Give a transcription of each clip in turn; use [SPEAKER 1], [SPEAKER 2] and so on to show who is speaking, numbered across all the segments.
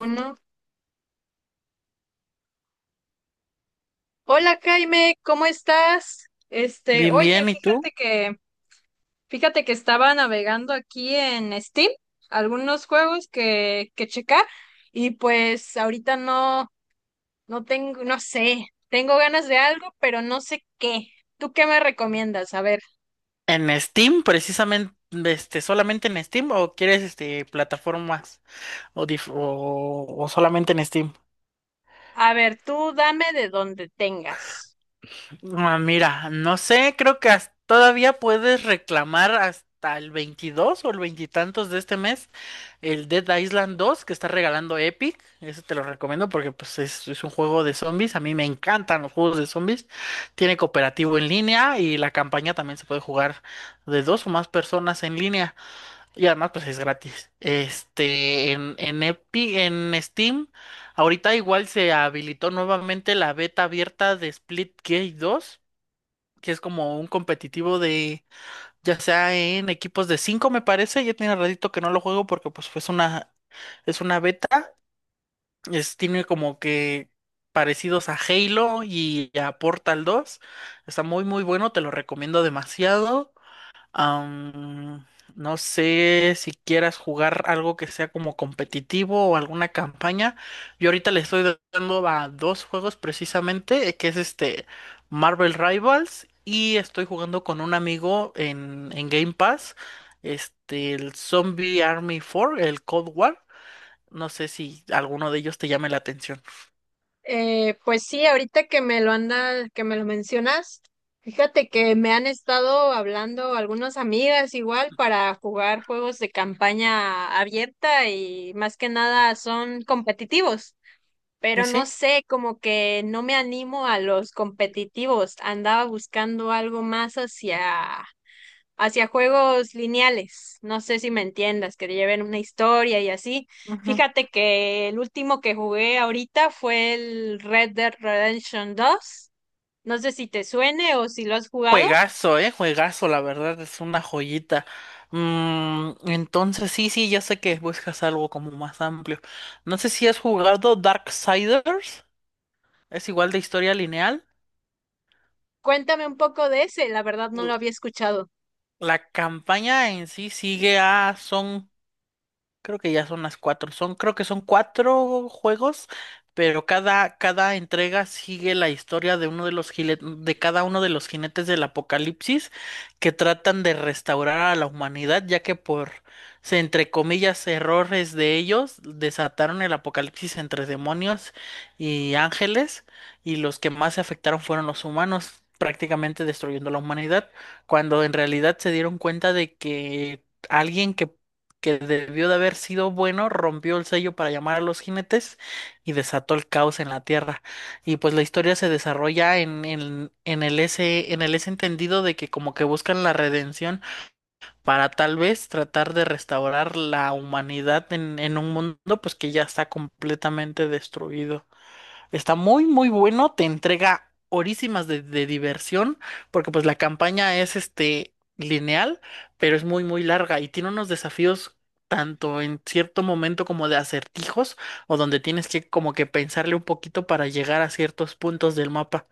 [SPEAKER 1] Uno. Hola Jaime, ¿cómo estás? Este,
[SPEAKER 2] Bien,
[SPEAKER 1] oye,
[SPEAKER 2] bien, ¿y
[SPEAKER 1] fíjate
[SPEAKER 2] tú?
[SPEAKER 1] que, fíjate que estaba navegando aquí en Steam, algunos juegos que checar, y pues ahorita no, no tengo, no sé, tengo ganas de algo, pero no sé qué. ¿Tú qué me recomiendas? A ver,
[SPEAKER 2] ¿En Steam, precisamente, solamente en Steam o quieres este plataformas o solamente en Steam?
[SPEAKER 1] a ver, tú dame de donde tengas.
[SPEAKER 2] Ah, mira, no sé, creo que todavía puedes reclamar hasta el 22 o el veintitantos de este mes el Dead Island dos que está regalando Epic. Eso te lo recomiendo porque es un juego de zombies. A mí me encantan los juegos de zombies. Tiene cooperativo en línea y la campaña también se puede jugar de dos o más personas en línea. Y además, pues es gratis. En en Steam, ahorita igual se habilitó nuevamente la beta abierta de Splitgate dos, que es como un competitivo ya sea en equipos de cinco, me parece. Ya tiene ratito que no lo juego porque es una beta. Tiene como que parecidos a Halo y a Portal dos. Está muy, muy bueno, te lo recomiendo demasiado. Am, no sé si quieras jugar algo que sea como competitivo o alguna campaña. Yo ahorita le estoy dando a dos juegos precisamente, que es este Marvel Rivals, y estoy jugando con un amigo en Game Pass, este, el Zombie Army 4, el Cold War. No sé si alguno de ellos te llame la atención.
[SPEAKER 1] Pues sí, ahorita que me lo mencionas, fíjate que me han estado hablando algunas amigas igual para jugar juegos de campaña abierta y más que nada son competitivos,
[SPEAKER 2] Sí,
[SPEAKER 1] pero no
[SPEAKER 2] sí.
[SPEAKER 1] sé, como que no me animo a los competitivos, andaba buscando algo más hacia juegos lineales. No sé si me entiendas, que lleven una historia y así. Fíjate que el último que jugué ahorita fue el Red Dead Redemption 2. No sé si te suene o si lo has jugado.
[SPEAKER 2] Juegazo, juegazo, la verdad es una joyita. Mm, entonces sí, sí, ya sé que buscas algo como más amplio. No sé si has jugado Darksiders, es igual de historia lineal.
[SPEAKER 1] Cuéntame un poco de ese, la verdad no lo
[SPEAKER 2] Mm.
[SPEAKER 1] había escuchado.
[SPEAKER 2] La campaña en sí sigue a, son creo que ya son las cuatro. Son, creo que son cuatro juegos, pero cada, cada entrega sigue la historia de uno de los de cada uno de los jinetes del apocalipsis, que tratan de restaurar a la humanidad, ya que entre comillas, errores de ellos, desataron el apocalipsis entre demonios y ángeles, y los que más se afectaron fueron los humanos, prácticamente destruyendo la humanidad, cuando en realidad se dieron cuenta de que alguien que debió de haber sido bueno, rompió el sello para llamar a los jinetes y desató el caos en la Tierra. Y pues la historia se desarrolla en el ese entendido de que como que buscan la redención para tal vez tratar de restaurar la humanidad en un mundo pues que ya está completamente destruido. Está muy, muy bueno, te entrega horísimas de diversión, porque pues la campaña es este lineal, pero es muy, muy larga y tiene unos desafíos tanto en cierto momento como de acertijos, o donde tienes que como que pensarle un poquito para llegar a ciertos puntos del mapa.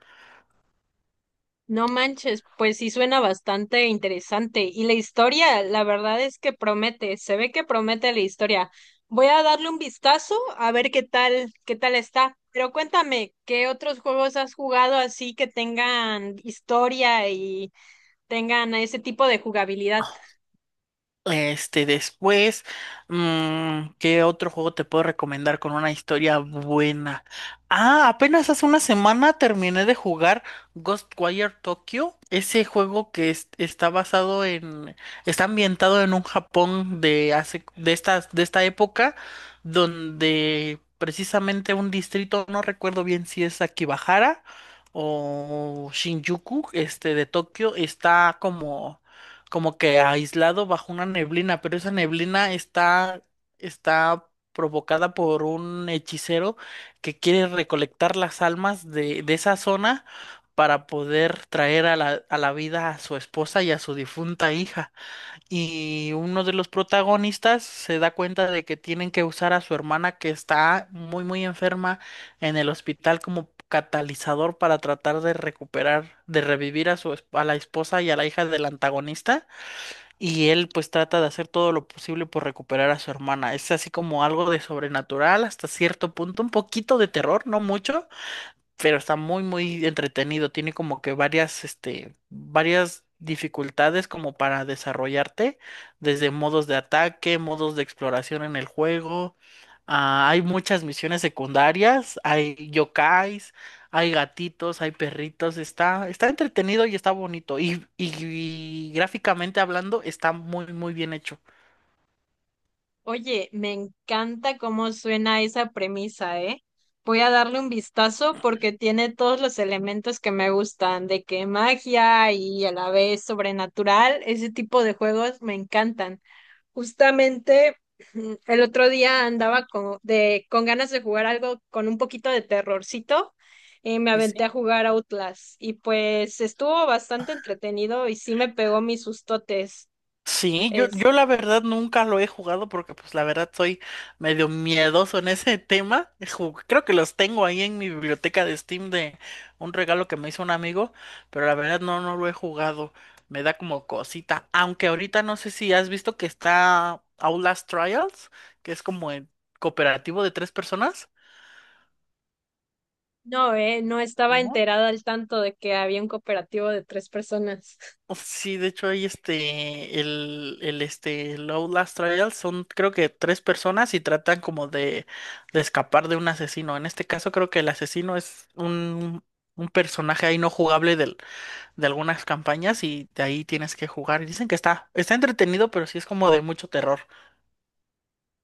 [SPEAKER 1] No manches, pues sí suena bastante interesante. Y la historia, la verdad es que promete, se ve que promete la historia. Voy a darle un vistazo a ver qué tal está. Pero cuéntame, ¿qué otros juegos has jugado así que tengan historia y tengan ese tipo de jugabilidad?
[SPEAKER 2] Este, después, mm, ¿qué otro juego te puedo recomendar con una historia buena? Ah, apenas hace una semana terminé de jugar Ghostwire Tokyo, ese juego que está basado en, está ambientado en un Japón de hace, de estas, de esta época, donde precisamente un distrito, no recuerdo bien si es Akibahara o Shinjuku, este, de Tokio, está como como que aislado bajo una neblina, pero esa está provocada por un hechicero que quiere recolectar las almas de esa zona para poder traer a a la vida a su esposa y a su difunta hija. Y uno de los protagonistas se da cuenta de que tienen que usar a su hermana que está muy, muy enferma en el hospital como catalizador para tratar de recuperar, de revivir a su, a la esposa y a la hija del antagonista. Y él pues trata de hacer todo lo posible por recuperar a su hermana. Es así como algo de sobrenatural hasta cierto punto, un poquito de terror, no mucho, pero está muy muy entretenido. Tiene como que varias, este, varias dificultades como para desarrollarte, desde modos de ataque, modos de exploración en el juego. Ah, hay muchas misiones secundarias, hay yokais, hay gatitos, hay perritos, está, está entretenido y está bonito. Y gráficamente hablando, está muy, muy bien hecho.
[SPEAKER 1] Oye, me encanta cómo suena esa premisa, ¿eh? Voy a darle un vistazo porque tiene todos los elementos que me gustan, de que magia y a la vez sobrenatural, ese tipo de juegos me encantan. Justamente el otro día andaba con ganas de jugar algo con un poquito de terrorcito y me
[SPEAKER 2] Sí,
[SPEAKER 1] aventé
[SPEAKER 2] sí,
[SPEAKER 1] a jugar Outlast y pues estuvo bastante entretenido y sí me pegó mis sustotes.
[SPEAKER 2] Sí, yo la verdad nunca lo he jugado porque pues la verdad soy medio miedoso en ese tema. Creo que los tengo ahí en mi biblioteca de Steam de un regalo que me hizo un amigo, pero la verdad no, no lo he jugado. Me da como cosita. Aunque ahorita no sé si has visto que está Outlast Trials, que es como el cooperativo de tres personas.
[SPEAKER 1] No, no estaba enterada al tanto de que había un cooperativo de 3 personas.
[SPEAKER 2] Sí, de hecho hay el Outlast Trial son, creo que tres personas, y tratan como de escapar de un asesino. En este caso creo que el asesino es un personaje ahí no jugable de algunas campañas y de ahí tienes que jugar. Y dicen que está, está entretenido, pero sí es como de mucho terror.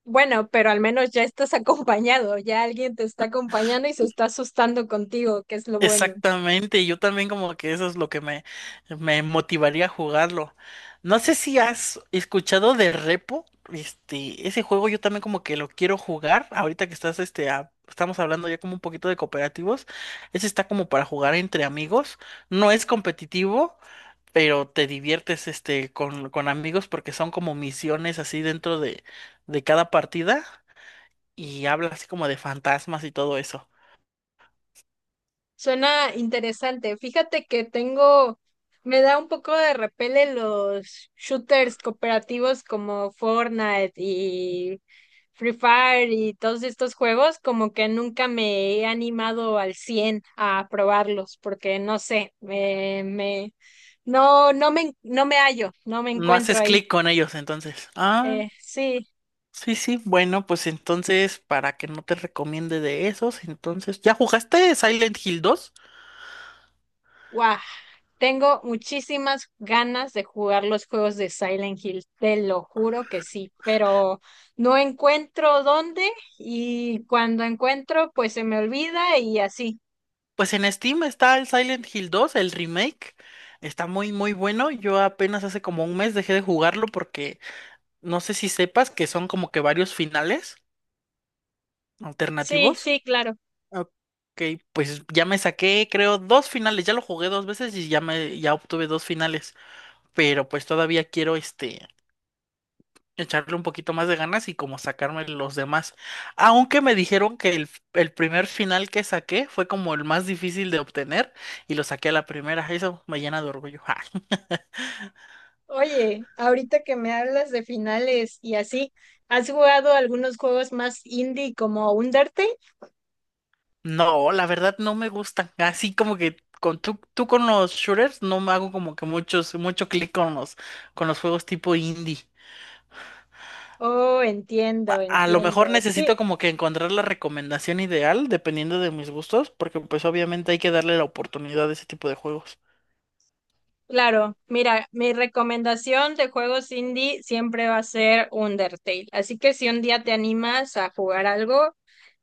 [SPEAKER 1] Bueno, pero al menos ya estás acompañado, ya alguien te está acompañando y se está asustando contigo, que es lo bueno.
[SPEAKER 2] Exactamente, yo también como que eso es lo que me motivaría a jugarlo. No sé si has escuchado de Repo, este, ese juego yo también como que lo quiero jugar, ahorita que estás, estamos hablando ya como un poquito de cooperativos, ese está como para jugar entre amigos, no es competitivo, pero te diviertes, este, con amigos porque son como misiones así dentro de cada partida y habla así como de fantasmas y todo eso.
[SPEAKER 1] Suena interesante. Fíjate que tengo, me da un poco de repele los shooters cooperativos como Fortnite y Free Fire y todos estos juegos, como que nunca me he animado al 100 a probarlos, porque no sé, me, no, no me, no me hallo, no me
[SPEAKER 2] No
[SPEAKER 1] encuentro
[SPEAKER 2] haces
[SPEAKER 1] ahí.
[SPEAKER 2] clic con ellos, entonces. Ah,
[SPEAKER 1] Sí.
[SPEAKER 2] sí, sí. Bueno, pues entonces, para que no te recomiende de esos, entonces, ¿ya jugaste Silent Hill dos?
[SPEAKER 1] Guau, tengo muchísimas ganas de jugar los juegos de Silent Hill, te lo juro que sí, pero no encuentro dónde y cuando encuentro, pues se me olvida y así.
[SPEAKER 2] Pues en Steam está el Silent Hill dos, el remake. Está muy, muy bueno. Yo apenas hace como un mes dejé de jugarlo porque no sé si sepas que son como que varios finales
[SPEAKER 1] Sí,
[SPEAKER 2] alternativos.
[SPEAKER 1] sí, claro.
[SPEAKER 2] Ok, pues ya me saqué, creo, dos finales. Ya lo jugué dos veces y ya me, ya obtuve dos finales. Pero pues todavía quiero este echarle un poquito más de ganas y como sacarme los demás. Aunque me dijeron que el primer final que saqué fue como el más difícil de obtener, y lo saqué a la primera. Eso me llena de orgullo. Ja.
[SPEAKER 1] Oye, ahorita que me hablas de finales y así, ¿has jugado algunos juegos más indie como Undertale?
[SPEAKER 2] No, la verdad no me gustan. Así como que con tú con los shooters, no me hago como que mucho clic con los juegos tipo indie.
[SPEAKER 1] Oh, entiendo,
[SPEAKER 2] A lo
[SPEAKER 1] entiendo.
[SPEAKER 2] mejor
[SPEAKER 1] Sí.
[SPEAKER 2] necesito como que encontrar la recomendación ideal dependiendo de mis gustos, porque pues obviamente hay que darle la oportunidad a ese tipo de juegos.
[SPEAKER 1] Claro, mira, mi recomendación de juegos indie siempre va a ser Undertale. Así que si un día te animas a jugar algo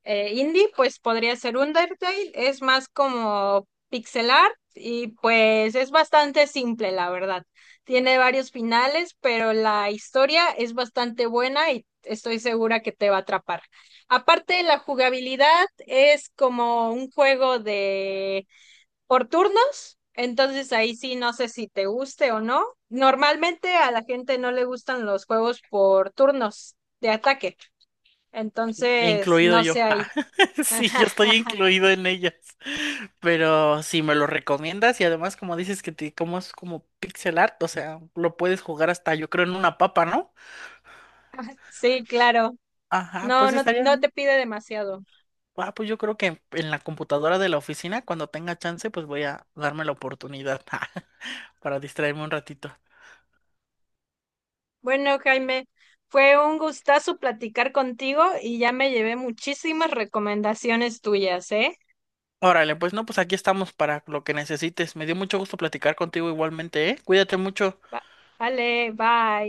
[SPEAKER 1] indie, pues podría ser Undertale. Es más como pixel art y pues es bastante simple, la verdad. Tiene varios finales, pero la historia es bastante buena y estoy segura que te va a atrapar. Aparte, la jugabilidad es como un juego de por turnos, entonces ahí sí no sé si te guste o no. Normalmente a la gente no le gustan los juegos por turnos de ataque, entonces
[SPEAKER 2] Incluido
[SPEAKER 1] no
[SPEAKER 2] yo.
[SPEAKER 1] sé
[SPEAKER 2] Ah,
[SPEAKER 1] ahí.
[SPEAKER 2] sí, yo estoy incluido en ellas. Pero si me lo recomiendas y además como dices que te, como es como pixel art, o sea, lo puedes jugar hasta yo creo en una papa, ¿no?
[SPEAKER 1] Sí, claro.
[SPEAKER 2] Ajá,
[SPEAKER 1] No,
[SPEAKER 2] pues
[SPEAKER 1] no,
[SPEAKER 2] estaría
[SPEAKER 1] no te
[SPEAKER 2] bien.
[SPEAKER 1] pide demasiado.
[SPEAKER 2] Ah, pues yo creo que en la computadora de la oficina, cuando tenga chance, pues voy a darme la oportunidad para distraerme un ratito.
[SPEAKER 1] Bueno, Jaime, fue un gustazo platicar contigo y ya me llevé muchísimas recomendaciones tuyas, ¿eh?
[SPEAKER 2] Órale, pues no, pues aquí estamos para lo que necesites. Me dio mucho gusto platicar contigo igualmente, ¿eh? Cuídate mucho.
[SPEAKER 1] Va- Vale, bye.